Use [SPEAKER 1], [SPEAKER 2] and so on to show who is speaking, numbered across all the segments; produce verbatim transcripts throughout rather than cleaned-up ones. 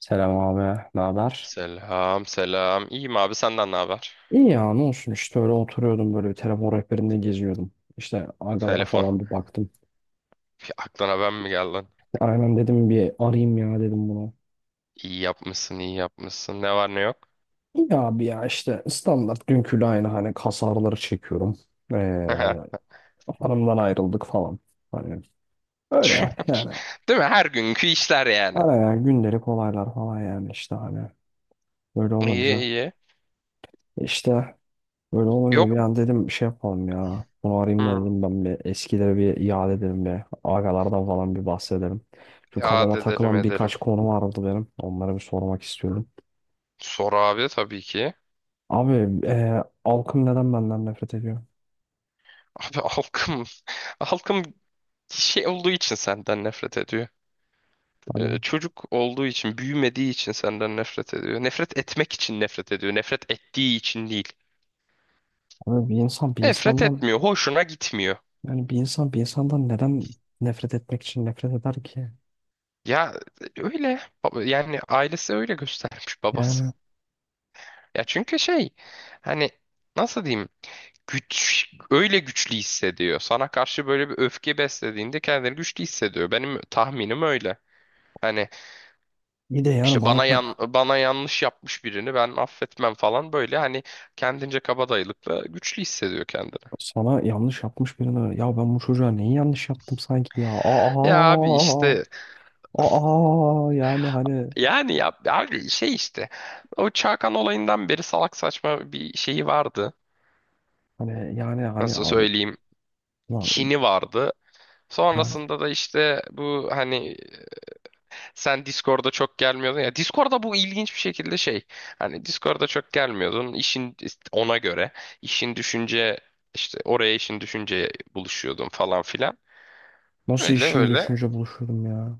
[SPEAKER 1] Selam abi, ne haber?
[SPEAKER 2] Selam selam. İyiyim abi senden ne haber?
[SPEAKER 1] İyi ya, ne olsun işte öyle oturuyordum böyle bir telefon rehberinde geziyordum. İşte agalara
[SPEAKER 2] Telefon.
[SPEAKER 1] falan bir baktım.
[SPEAKER 2] Bir aklına ben mi geldin?
[SPEAKER 1] Aynen dedim bir arayayım ya dedim bunu.
[SPEAKER 2] İyi yapmışsın, iyi yapmışsın. Ne var ne yok?
[SPEAKER 1] İyi abi ya işte standart dünküyle aynı hani kas ağrıları çekiyorum. Ee, hanımdan ayrıldık falan. Hani öyle yani.
[SPEAKER 2] Değil mi? Her günkü işler yani.
[SPEAKER 1] Araya gündelik olaylar falan yani işte hani böyle
[SPEAKER 2] İyi
[SPEAKER 1] olunca.
[SPEAKER 2] iyi.
[SPEAKER 1] İşte. Böyle olunca
[SPEAKER 2] Yok.
[SPEAKER 1] bir an dedim şey yapalım ya. Bunu arayayım da
[SPEAKER 2] Hmm.
[SPEAKER 1] dedim ben bir eskileri bir iade edelim bir. Agalardan falan bir bahsedelim. Çünkü
[SPEAKER 2] Ya
[SPEAKER 1] kafama
[SPEAKER 2] edelim
[SPEAKER 1] takılan
[SPEAKER 2] edelim.
[SPEAKER 1] birkaç konu vardı benim. Onları bir sormak istiyorum.
[SPEAKER 2] Sor abi tabii ki.
[SPEAKER 1] Abi e, halkım neden benden nefret ediyor?
[SPEAKER 2] Abi halkım, halkım şey olduğu için senden nefret ediyor. Ee,
[SPEAKER 1] Hani
[SPEAKER 2] çocuk olduğu için, büyümediği için senden nefret ediyor. Nefret etmek için nefret ediyor. Nefret ettiği için değil.
[SPEAKER 1] abi bir insan bir
[SPEAKER 2] Nefret
[SPEAKER 1] insandan
[SPEAKER 2] etmiyor, hoşuna gitmiyor.
[SPEAKER 1] yani bir insan bir insandan neden nefret etmek için nefret eder ki?
[SPEAKER 2] Ya öyle Baba- yani ailesi öyle göstermiş babası.
[SPEAKER 1] Yani
[SPEAKER 2] Ya çünkü şey hani nasıl diyeyim güç öyle güçlü hissediyor. Sana karşı böyle bir öfke beslediğinde kendini güçlü hissediyor. Benim tahminim öyle. Hani
[SPEAKER 1] bir de yani
[SPEAKER 2] işte
[SPEAKER 1] bana
[SPEAKER 2] bana yan
[SPEAKER 1] ka-
[SPEAKER 2] bana yanlış yapmış birini ben affetmem falan böyle hani kendince kabadayılıkla güçlü hissediyor kendini.
[SPEAKER 1] sana yanlış yapmış birine ya ben bu çocuğa neyi yanlış yaptım sanki ya. Aa,
[SPEAKER 2] Ya abi
[SPEAKER 1] aa,
[SPEAKER 2] işte
[SPEAKER 1] aa yani hani
[SPEAKER 2] yani ya abi şey işte o Çakan olayından beri salak saçma bir şeyi vardı.
[SPEAKER 1] Hani yani hani
[SPEAKER 2] Nasıl
[SPEAKER 1] abi
[SPEAKER 2] söyleyeyim?
[SPEAKER 1] lan,
[SPEAKER 2] Kini vardı.
[SPEAKER 1] ben
[SPEAKER 2] Sonrasında da işte bu hani sen Discord'a çok gelmiyordun ya. Discord'a bu ilginç bir şekilde şey. Hani Discord'a çok gelmiyordun. İşin ona göre işin düşünce işte oraya işin düşünceye buluşuyordun falan filan.
[SPEAKER 1] nasıl
[SPEAKER 2] Öyle
[SPEAKER 1] işim
[SPEAKER 2] öyle.
[SPEAKER 1] düşünce buluşurdum ya.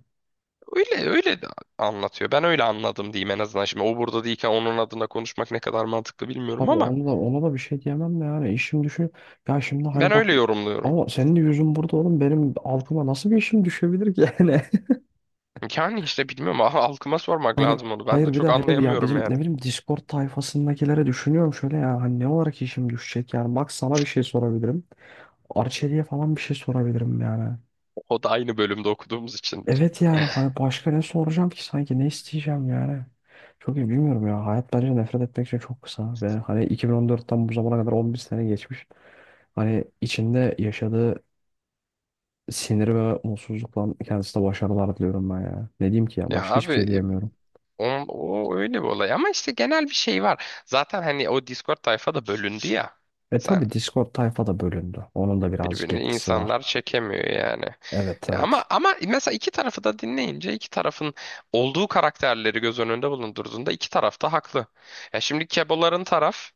[SPEAKER 2] Öyle öyle de anlatıyor. Ben öyle anladım diyeyim en azından. Şimdi o burada değilken onun adına konuşmak ne kadar mantıklı bilmiyorum
[SPEAKER 1] Tabii
[SPEAKER 2] ama
[SPEAKER 1] onu da ona da bir şey diyemem de yani işim düşün. Ya şimdi hani
[SPEAKER 2] ben
[SPEAKER 1] bak
[SPEAKER 2] öyle yorumluyorum.
[SPEAKER 1] ama senin de yüzün burada oğlum benim algıma nasıl bir işim düşebilir ki yani.
[SPEAKER 2] Yani işte bilmiyorum halkıma sormak
[SPEAKER 1] Hani
[SPEAKER 2] lazım onu. Ben de
[SPEAKER 1] hayır bir
[SPEAKER 2] çok
[SPEAKER 1] de hele bir ya
[SPEAKER 2] anlayamıyorum
[SPEAKER 1] bizim ne
[SPEAKER 2] yani.
[SPEAKER 1] bileyim Discord tayfasındakilere düşünüyorum şöyle ya hani ne olarak işim düşecek yani bak sana bir şey sorabilirim. Arçelik'e falan bir şey sorabilirim yani.
[SPEAKER 2] O da aynı bölümde okuduğumuz içindir.
[SPEAKER 1] Evet yani hani başka ne soracağım ki sanki ne isteyeceğim yani. Çok iyi bilmiyorum ya. Hayat bence nefret etmek için çok kısa. Ve hani iki bin on dörtten bu zamana kadar on bir sene geçmiş. Hani içinde yaşadığı sinir ve mutsuzlukla kendisine başarılar diliyorum ben ya. Ne diyeyim ki ya
[SPEAKER 2] Ya
[SPEAKER 1] başka hiçbir şey
[SPEAKER 2] abi
[SPEAKER 1] diyemiyorum.
[SPEAKER 2] on- o, öyle bir olay ama işte genel bir şey var. Zaten hani o Discord tayfa da bölündü ya.
[SPEAKER 1] E
[SPEAKER 2] Sen
[SPEAKER 1] tabi Discord tayfa da bölündü. Onun da birazcık
[SPEAKER 2] birbirini
[SPEAKER 1] etkisi var.
[SPEAKER 2] insanlar çekemiyor yani.
[SPEAKER 1] Evet,
[SPEAKER 2] Ya
[SPEAKER 1] evet.
[SPEAKER 2] ama ama mesela iki tarafı da dinleyince iki tarafın olduğu karakterleri göz önünde bulundurduğunda iki taraf da haklı. Ya şimdi Keboların taraf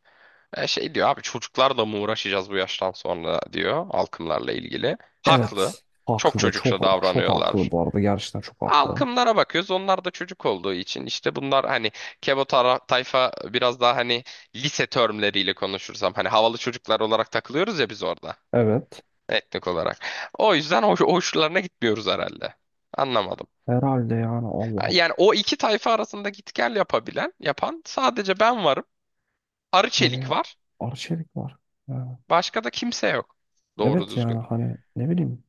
[SPEAKER 2] e, şey diyor abi çocuklarla mı uğraşacağız bu yaştan sonra diyor halkımlarla ilgili. Haklı.
[SPEAKER 1] Evet.
[SPEAKER 2] Çok
[SPEAKER 1] Haklı.
[SPEAKER 2] çocukça
[SPEAKER 1] Çok çok haklı
[SPEAKER 2] davranıyorlar.
[SPEAKER 1] bu arada. Gerçekten çok haklı.
[SPEAKER 2] Halkımlara bakıyoruz. Onlar da çocuk olduğu için işte bunlar hani Kebo tara- tayfa biraz daha hani lise termleriyle konuşursam hani havalı çocuklar olarak takılıyoruz ya biz orada
[SPEAKER 1] Evet.
[SPEAKER 2] etnik olarak. O yüzden hoş, hoşlarına gitmiyoruz herhalde. Anlamadım.
[SPEAKER 1] Herhalde yani Allah.
[SPEAKER 2] Yani o iki tayfa arasında git gel yapabilen, yapan sadece ben varım. Arı Çelik
[SPEAKER 1] Hani
[SPEAKER 2] var.
[SPEAKER 1] Arçelik var. Ha.
[SPEAKER 2] Başka da kimse yok. Doğru
[SPEAKER 1] Evet yani
[SPEAKER 2] düzgün.
[SPEAKER 1] hani ne bileyim.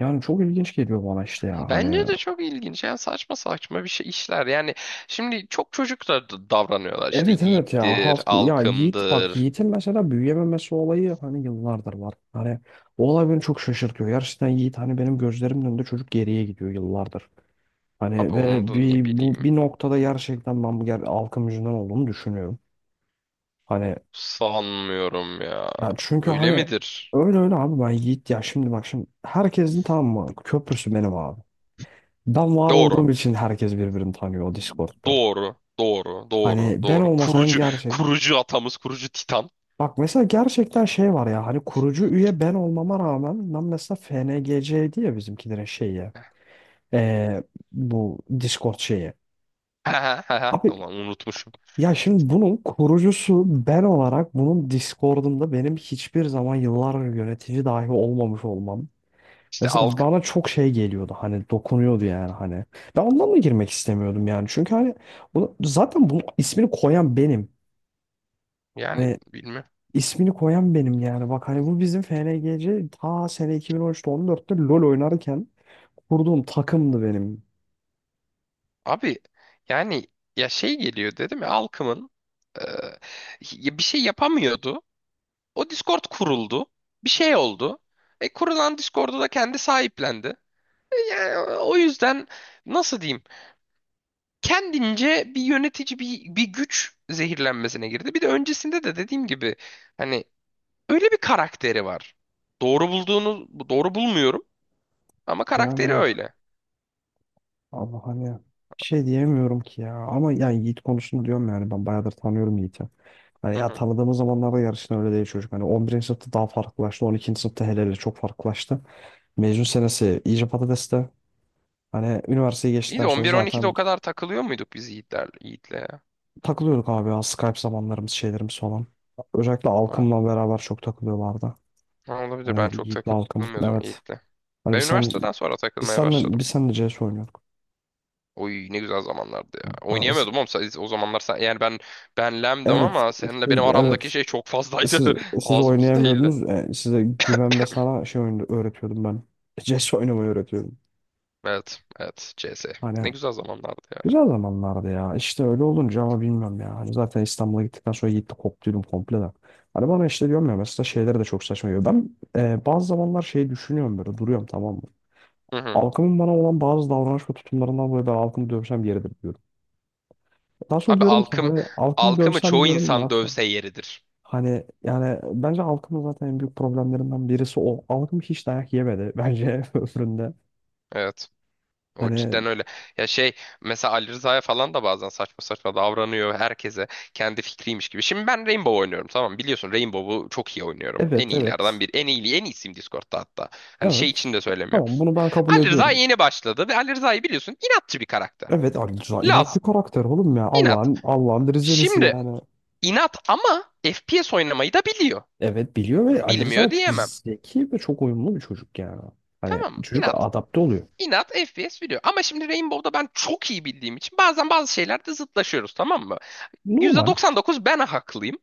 [SPEAKER 1] Yani çok ilginç geliyor bana işte ya
[SPEAKER 2] Bence
[SPEAKER 1] hani.
[SPEAKER 2] de çok ilginç. Yani saçma saçma bir şey işler. Yani şimdi çok çocuklar da d- davranıyorlar işte
[SPEAKER 1] Evet, evet ya
[SPEAKER 2] yiğittir,
[SPEAKER 1] hafta ya Yiğit bak
[SPEAKER 2] alkımdır.
[SPEAKER 1] Yiğit'in mesela büyüyememesi olayı hani yıllardır var. Hani o olay beni çok şaşırtıyor. Gerçekten Yiğit hani benim gözlerimin önünde çocuk geriye gidiyor yıllardır.
[SPEAKER 2] Abi
[SPEAKER 1] Hani
[SPEAKER 2] onu
[SPEAKER 1] ve
[SPEAKER 2] da
[SPEAKER 1] bir
[SPEAKER 2] ne
[SPEAKER 1] bu
[SPEAKER 2] bileyim.
[SPEAKER 1] bir noktada gerçekten ben bu ger halkım yüzünden olduğunu düşünüyorum. Hani
[SPEAKER 2] Sanmıyorum ya.
[SPEAKER 1] ya çünkü
[SPEAKER 2] Öyle
[SPEAKER 1] hani
[SPEAKER 2] midir?
[SPEAKER 1] öyle öyle abi ben Yiğit ya şimdi bak şimdi herkesin tamam mı köprüsü benim abi. Ben var
[SPEAKER 2] Doğru.
[SPEAKER 1] olduğum için herkes birbirini tanıyor o Discord'da.
[SPEAKER 2] Doğru. Doğru. Doğru.
[SPEAKER 1] Hani ben
[SPEAKER 2] Doğru.
[SPEAKER 1] olmasaydım
[SPEAKER 2] Kurucu
[SPEAKER 1] gerçekten.
[SPEAKER 2] kurucu atamız, kurucu Titan.
[SPEAKER 1] Bak mesela gerçekten şey var ya hani kurucu üye ben olmama rağmen ben mesela F N G C'ydi ya bizimkilerin şeyi. Ee, bu Discord şeyi. Abi
[SPEAKER 2] Ulan unutmuşum.
[SPEAKER 1] ya şimdi bunun kurucusu ben olarak bunun Discord'unda benim hiçbir zaman yıllar yönetici dahi olmamış olmam.
[SPEAKER 2] İşte
[SPEAKER 1] Mesela
[SPEAKER 2] alkım.
[SPEAKER 1] bana çok şey geliyordu hani dokunuyordu yani hani. Ben ondan da girmek istemiyordum yani. Çünkü hani bunu, zaten bunun ismini koyan benim.
[SPEAKER 2] Yani
[SPEAKER 1] Hani
[SPEAKER 2] bilmem.
[SPEAKER 1] ismini koyan benim yani. Bak hani bu bizim F N G C ta sene iki bin on üçte on dörtte LoL oynarken kurduğum takımdı benim.
[SPEAKER 2] Abi yani ya şey geliyor dedim ya alkımın e, ya bir şey yapamıyordu. O Discord kuruldu. Bir şey oldu. E, kurulan Discord'u da kendi sahiplendi. E, yani o yüzden nasıl diyeyim? Kendince bir yönetici bir, bir güç zehirlenmesine girdi. Bir de öncesinde de dediğim gibi hani öyle bir karakteri var. Doğru bulduğunu doğru bulmuyorum ama karakteri
[SPEAKER 1] Yani
[SPEAKER 2] öyle.
[SPEAKER 1] Allah hani bir şey diyemiyorum ki ya. Ama yani Yiğit konusunu diyorum yani ben bayağıdır tanıyorum Yiğit'i. Hani
[SPEAKER 2] Hı
[SPEAKER 1] ya
[SPEAKER 2] hı.
[SPEAKER 1] tanıdığımız zamanlarda yarışın öyle değil çocuk. Hani on birinci sınıfta daha farklılaştı. on ikinci sınıfta hele hele çok farklılaştı. Mezun senesi iyice patateste. Hani üniversiteyi
[SPEAKER 2] İyi
[SPEAKER 1] geçtikten
[SPEAKER 2] de
[SPEAKER 1] sonra
[SPEAKER 2] on bir on ikide
[SPEAKER 1] zaten
[SPEAKER 2] o kadar takılıyor muyduk biz Yiğitler, Yiğit'le ya?
[SPEAKER 1] takılıyorduk abi ya Skype zamanlarımız şeylerimiz falan. Özellikle
[SPEAKER 2] Ha,
[SPEAKER 1] Alkım'la beraber çok takılıyorlardı.
[SPEAKER 2] ha, olabilir ben
[SPEAKER 1] Hani
[SPEAKER 2] çok
[SPEAKER 1] Yiğit'le Alkım,
[SPEAKER 2] takılmıyordum
[SPEAKER 1] evet.
[SPEAKER 2] Yiğit'le.
[SPEAKER 1] Hani
[SPEAKER 2] Ben
[SPEAKER 1] biz sen
[SPEAKER 2] üniversiteden sonra
[SPEAKER 1] biz
[SPEAKER 2] takılmaya
[SPEAKER 1] senle
[SPEAKER 2] başladım.
[SPEAKER 1] biz senle C S oynuyorduk.
[SPEAKER 2] Oy ne güzel zamanlardı ya.
[SPEAKER 1] Yani daha-
[SPEAKER 2] Oynayamıyordum oğlum. Sen- O zamanlar sen, yani ben ben lemdim
[SPEAKER 1] evet
[SPEAKER 2] ama
[SPEAKER 1] siz,
[SPEAKER 2] seninle benim aramdaki
[SPEAKER 1] evet
[SPEAKER 2] şey çok fazlaydı.
[SPEAKER 1] siz siz
[SPEAKER 2] Ağzımız değildi.
[SPEAKER 1] oynayamıyordunuz. E, size güven ve sana şey oyunu öğretiyordum ben. C S oynamayı öğretiyordum.
[SPEAKER 2] Evet, evet C S. Ne
[SPEAKER 1] Hani
[SPEAKER 2] güzel zamanlardı ya.
[SPEAKER 1] Güzel zamanlardı ya. İşte öyle olunca ama bilmiyorum ya. Hani zaten İstanbul'a gittikten sonra gitti koptuydum komple de. Hani bana işte diyorum ya mesela şeyleri de çok saçma geliyor. Ben e, bazı zamanlar şey düşünüyorum böyle duruyorum tamam mı?
[SPEAKER 2] Hı hı.
[SPEAKER 1] Halkımın bana olan bazı davranış ve tutumlarından dolayı ben halkımı dövsem yeridir diyorum. Daha sonra
[SPEAKER 2] Abi
[SPEAKER 1] diyorum ki
[SPEAKER 2] alkım
[SPEAKER 1] hani halkımı
[SPEAKER 2] alkımı
[SPEAKER 1] dövsem
[SPEAKER 2] çoğu
[SPEAKER 1] diyorum ne
[SPEAKER 2] insan
[SPEAKER 1] yapacağım?
[SPEAKER 2] dövse yeridir.
[SPEAKER 1] Hani yani bence halkımın zaten en büyük problemlerinden birisi o. Halkım hiç dayak yemedi bence ömründe.
[SPEAKER 2] Evet. O
[SPEAKER 1] Hani,
[SPEAKER 2] cidden öyle. Ya şey mesela Ali Rıza'ya falan da bazen saçma saçma davranıyor herkese kendi fikriymiş gibi. Şimdi ben Rainbow oynuyorum tamam mı? Biliyorsun Rainbow'u çok iyi oynuyorum. En
[SPEAKER 1] evet,
[SPEAKER 2] iyilerden
[SPEAKER 1] evet,
[SPEAKER 2] biri. En iyi en iyisiyim Discord'da hatta. Hani şey
[SPEAKER 1] evet,
[SPEAKER 2] için de söylemiyorum.
[SPEAKER 1] tamam, bunu ben kabul
[SPEAKER 2] Ali Rıza
[SPEAKER 1] ediyorum.
[SPEAKER 2] yeni başladı ve Ali Rıza'yı biliyorsun inatçı bir karakter.
[SPEAKER 1] Evet, Ali Rıza inat bir
[SPEAKER 2] Laz,
[SPEAKER 1] karakter oğlum ya.
[SPEAKER 2] inat.
[SPEAKER 1] Allah'ın Allah'ın bir Rizelisi
[SPEAKER 2] Şimdi
[SPEAKER 1] yani.
[SPEAKER 2] inat ama F P S oynamayı da biliyor.
[SPEAKER 1] Evet biliyor ve Ali Rıza
[SPEAKER 2] Bilmiyor
[SPEAKER 1] çok
[SPEAKER 2] diyemem.
[SPEAKER 1] zeki ve çok uyumlu bir çocuk yani. Hani
[SPEAKER 2] Tamam mı?
[SPEAKER 1] çocuk
[SPEAKER 2] İnat.
[SPEAKER 1] adapte oluyor.
[SPEAKER 2] İnat F P S biliyor. Ama şimdi Rainbow'da ben çok iyi bildiğim için bazen bazı şeylerde zıtlaşıyoruz tamam mı?
[SPEAKER 1] Normal.
[SPEAKER 2] yüzde doksan dokuz ben haklıyım.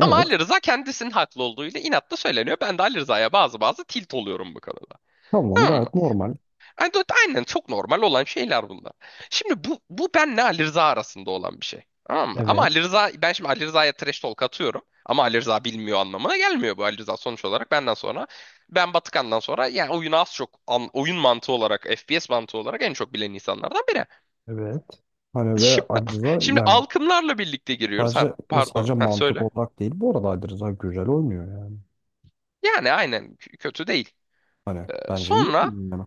[SPEAKER 2] Ama Ali Rıza kendisinin haklı olduğuyla inatla söyleniyor. Ben de Ali Rıza'ya bazı bazı tilt oluyorum bu konuda.
[SPEAKER 1] Tamam,
[SPEAKER 2] Tamam mı?
[SPEAKER 1] gayet normal.
[SPEAKER 2] Yani do- aynen çok normal olan şeyler bunlar. Şimdi bu, bu benle Ali Rıza arasında olan bir şey. Tamam mı? Ama
[SPEAKER 1] Evet.
[SPEAKER 2] Ali Rıza, ben şimdi Ali Rıza'ya trash talk atıyorum. Ama Ali Rıza bilmiyor anlamına gelmiyor bu Ali Rıza sonuç olarak. Benden sonra, ben Batıkan'dan sonra yani oyunu az çok, an- oyun mantığı olarak, F P S mantığı olarak en çok bilen insanlardan biri.
[SPEAKER 1] Evet. Hani ve
[SPEAKER 2] Şimdi,
[SPEAKER 1] Ali Rıza
[SPEAKER 2] şimdi
[SPEAKER 1] yani
[SPEAKER 2] alkımlarla birlikte giriyoruz. Ha,
[SPEAKER 1] sadece
[SPEAKER 2] pardon,
[SPEAKER 1] sadece
[SPEAKER 2] ha,
[SPEAKER 1] mantık
[SPEAKER 2] söyle.
[SPEAKER 1] olarak değil. Bu arada Ali Rıza güzel oynuyor yani.
[SPEAKER 2] Yani aynen k- kötü değil.
[SPEAKER 1] Hani
[SPEAKER 2] Ee,
[SPEAKER 1] bence iyi
[SPEAKER 2] sonra
[SPEAKER 1] oynuyor yani.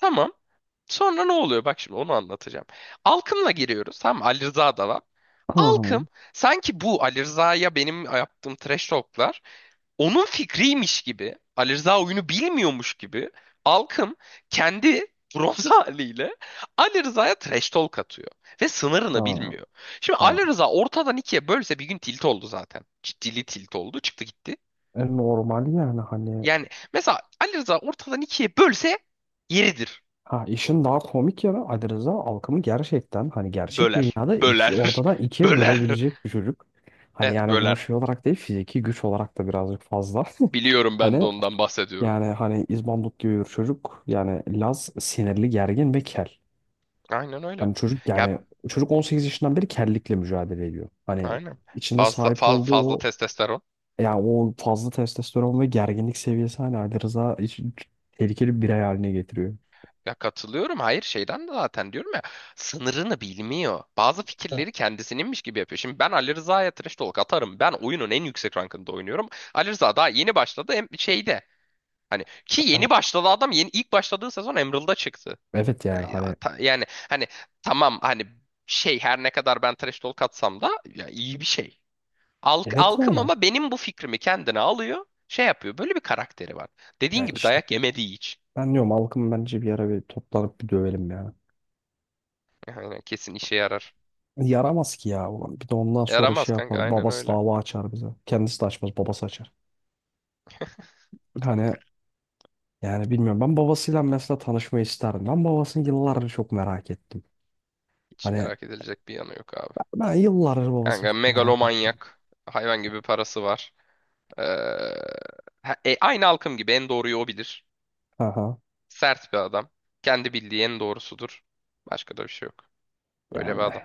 [SPEAKER 2] tamam. Sonra ne oluyor? Bak şimdi onu anlatacağım. Alkım'la giriyoruz. Tamam mı? Ali Rıza da var.
[SPEAKER 1] Hı hı.
[SPEAKER 2] Alkım sanki bu Ali Rıza'ya benim yaptığım trash talk'lar onun fikriymiş gibi. Ali Rıza oyunu bilmiyormuş gibi. Alkım kendi bronz haliyle Ali Rıza'ya trash talk atıyor. Ve sınırını
[SPEAKER 1] Ha,
[SPEAKER 2] bilmiyor. Şimdi
[SPEAKER 1] ha.
[SPEAKER 2] Ali Rıza ortadan ikiye bölse bir gün tilt oldu zaten. Ciddili tilt oldu. Çıktı gitti.
[SPEAKER 1] E, normal yani hani.
[SPEAKER 2] Yani mesela Ali Rıza ortadan ikiye bölse yeridir.
[SPEAKER 1] Ha, işin daha komik yanı Ali Rıza Alkım'ı gerçekten hani gerçek
[SPEAKER 2] Böler.
[SPEAKER 1] dünyada iki
[SPEAKER 2] Böler.
[SPEAKER 1] ortadan ikiye
[SPEAKER 2] Böler.
[SPEAKER 1] bölebilecek bir çocuk. Hani
[SPEAKER 2] Evet
[SPEAKER 1] yani bunu
[SPEAKER 2] böler.
[SPEAKER 1] şey olarak değil fiziki güç olarak da birazcık fazla.
[SPEAKER 2] Biliyorum ben de
[SPEAKER 1] Hani
[SPEAKER 2] ondan bahsediyorum.
[SPEAKER 1] yani hani İzbandut gibi bir çocuk yani Laz, sinirli, gergin ve kel.
[SPEAKER 2] Aynen öyle.
[SPEAKER 1] Hani çocuk
[SPEAKER 2] Ya
[SPEAKER 1] yani çocuk on sekiz yaşından beri kellikle mücadele ediyor. Hani
[SPEAKER 2] aynen.
[SPEAKER 1] içinde
[SPEAKER 2] Fazla
[SPEAKER 1] sahip
[SPEAKER 2] fazla,
[SPEAKER 1] olduğu
[SPEAKER 2] fazla
[SPEAKER 1] o
[SPEAKER 2] testosteron.
[SPEAKER 1] yani o fazla testosteron ve gerginlik seviyesi hani Ali Rıza hiç- tehlikeli bir birey haline getiriyor.
[SPEAKER 2] Ya katılıyorum. Hayır şeyden de zaten diyorum ya sınırını bilmiyor. Bazı
[SPEAKER 1] Evet,
[SPEAKER 2] fikirleri kendisininmiş gibi yapıyor. Şimdi ben Ali Rıza'ya trash talk atarım. Ben oyunun en yüksek rankında oynuyorum. Ali Rıza daha yeni başladı hem şeyde. Hani ki
[SPEAKER 1] Hani,
[SPEAKER 2] yeni başladı adam yeni ilk başladığı sezon Emerald'da çıktı.
[SPEAKER 1] Evet yani
[SPEAKER 2] E, Ya,
[SPEAKER 1] hani
[SPEAKER 2] ta- yani hani tamam hani şey her ne kadar ben trash talk atsam da ya, iyi bir şey. Alk,
[SPEAKER 1] Evet
[SPEAKER 2] alkım
[SPEAKER 1] yani.
[SPEAKER 2] ama benim bu fikrimi kendine alıyor. Şey yapıyor. Böyle bir karakteri var. Dediğin
[SPEAKER 1] Yani
[SPEAKER 2] gibi
[SPEAKER 1] işte
[SPEAKER 2] dayak yemediği hiç.
[SPEAKER 1] ben diyorum halkım bence bir ara bir toplanıp bir dövelim ya.
[SPEAKER 2] Aynen kesin işe yarar.
[SPEAKER 1] Yaramaz ki ya. ulan. Bir de ondan sonra
[SPEAKER 2] Yaramaz
[SPEAKER 1] şey
[SPEAKER 2] kanka
[SPEAKER 1] yapar.
[SPEAKER 2] aynen
[SPEAKER 1] Babası
[SPEAKER 2] öyle.
[SPEAKER 1] dava açar bize. Kendisi de açmaz. Babası açar. Hani yani bilmiyorum. Ben babasıyla mesela tanışmayı isterdim. Ben babasını yıllardır çok merak ettim.
[SPEAKER 2] Hiç
[SPEAKER 1] Hani
[SPEAKER 2] merak edilecek bir yanı yok abi.
[SPEAKER 1] ben yıllardır babasını
[SPEAKER 2] Kanka
[SPEAKER 1] çok merak ettim.
[SPEAKER 2] megalomanyak. Hayvan gibi parası var. Ee, ha- e, aynı halkım gibi en doğruyu o bilir.
[SPEAKER 1] Aha.
[SPEAKER 2] Sert bir adam. Kendi bildiği en doğrusudur. Başka da bir şey yok. Öyle bir
[SPEAKER 1] Yani
[SPEAKER 2] adam.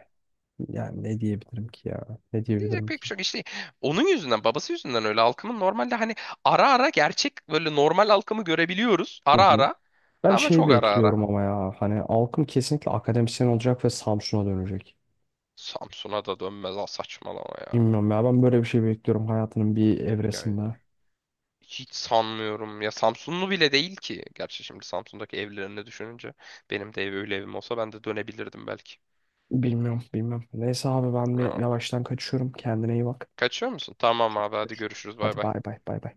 [SPEAKER 1] yani ne diyebilirim ki ya? Ne
[SPEAKER 2] Diyecek
[SPEAKER 1] diyebilirim
[SPEAKER 2] pek bir
[SPEAKER 1] ki?
[SPEAKER 2] şey yok. İşte onun yüzünden, babası yüzünden öyle halkımın normalde hani ara ara gerçek böyle normal halkımı görebiliyoruz.
[SPEAKER 1] Hı
[SPEAKER 2] Ara
[SPEAKER 1] hı.
[SPEAKER 2] ara
[SPEAKER 1] Ben
[SPEAKER 2] ama
[SPEAKER 1] şeyi
[SPEAKER 2] çok ara ara.
[SPEAKER 1] bekliyorum ama ya. Hani halkım kesinlikle akademisyen olacak ve Samsun'a dönecek.
[SPEAKER 2] Samsun'a da dönmez ha saçmalama ya.
[SPEAKER 1] Bilmiyorum ya ben böyle bir şey bekliyorum hayatının bir
[SPEAKER 2] Ya
[SPEAKER 1] evresinde.
[SPEAKER 2] hiç sanmıyorum. Ya Samsunlu bile değil ki. Gerçi şimdi Samsun'daki evlerini düşününce benim de ev öyle evim olsa ben de dönebilirdim belki.
[SPEAKER 1] Bilmiyorum, bilmiyorum. Neyse abi ben bir
[SPEAKER 2] Ya,
[SPEAKER 1] yavaştan kaçıyorum. Kendine iyi bak.
[SPEAKER 2] kaçıyor musun? Tamam abi hadi
[SPEAKER 1] Kaçıyorum.
[SPEAKER 2] görüşürüz bay
[SPEAKER 1] Hadi
[SPEAKER 2] bay.
[SPEAKER 1] bay bay bay bay.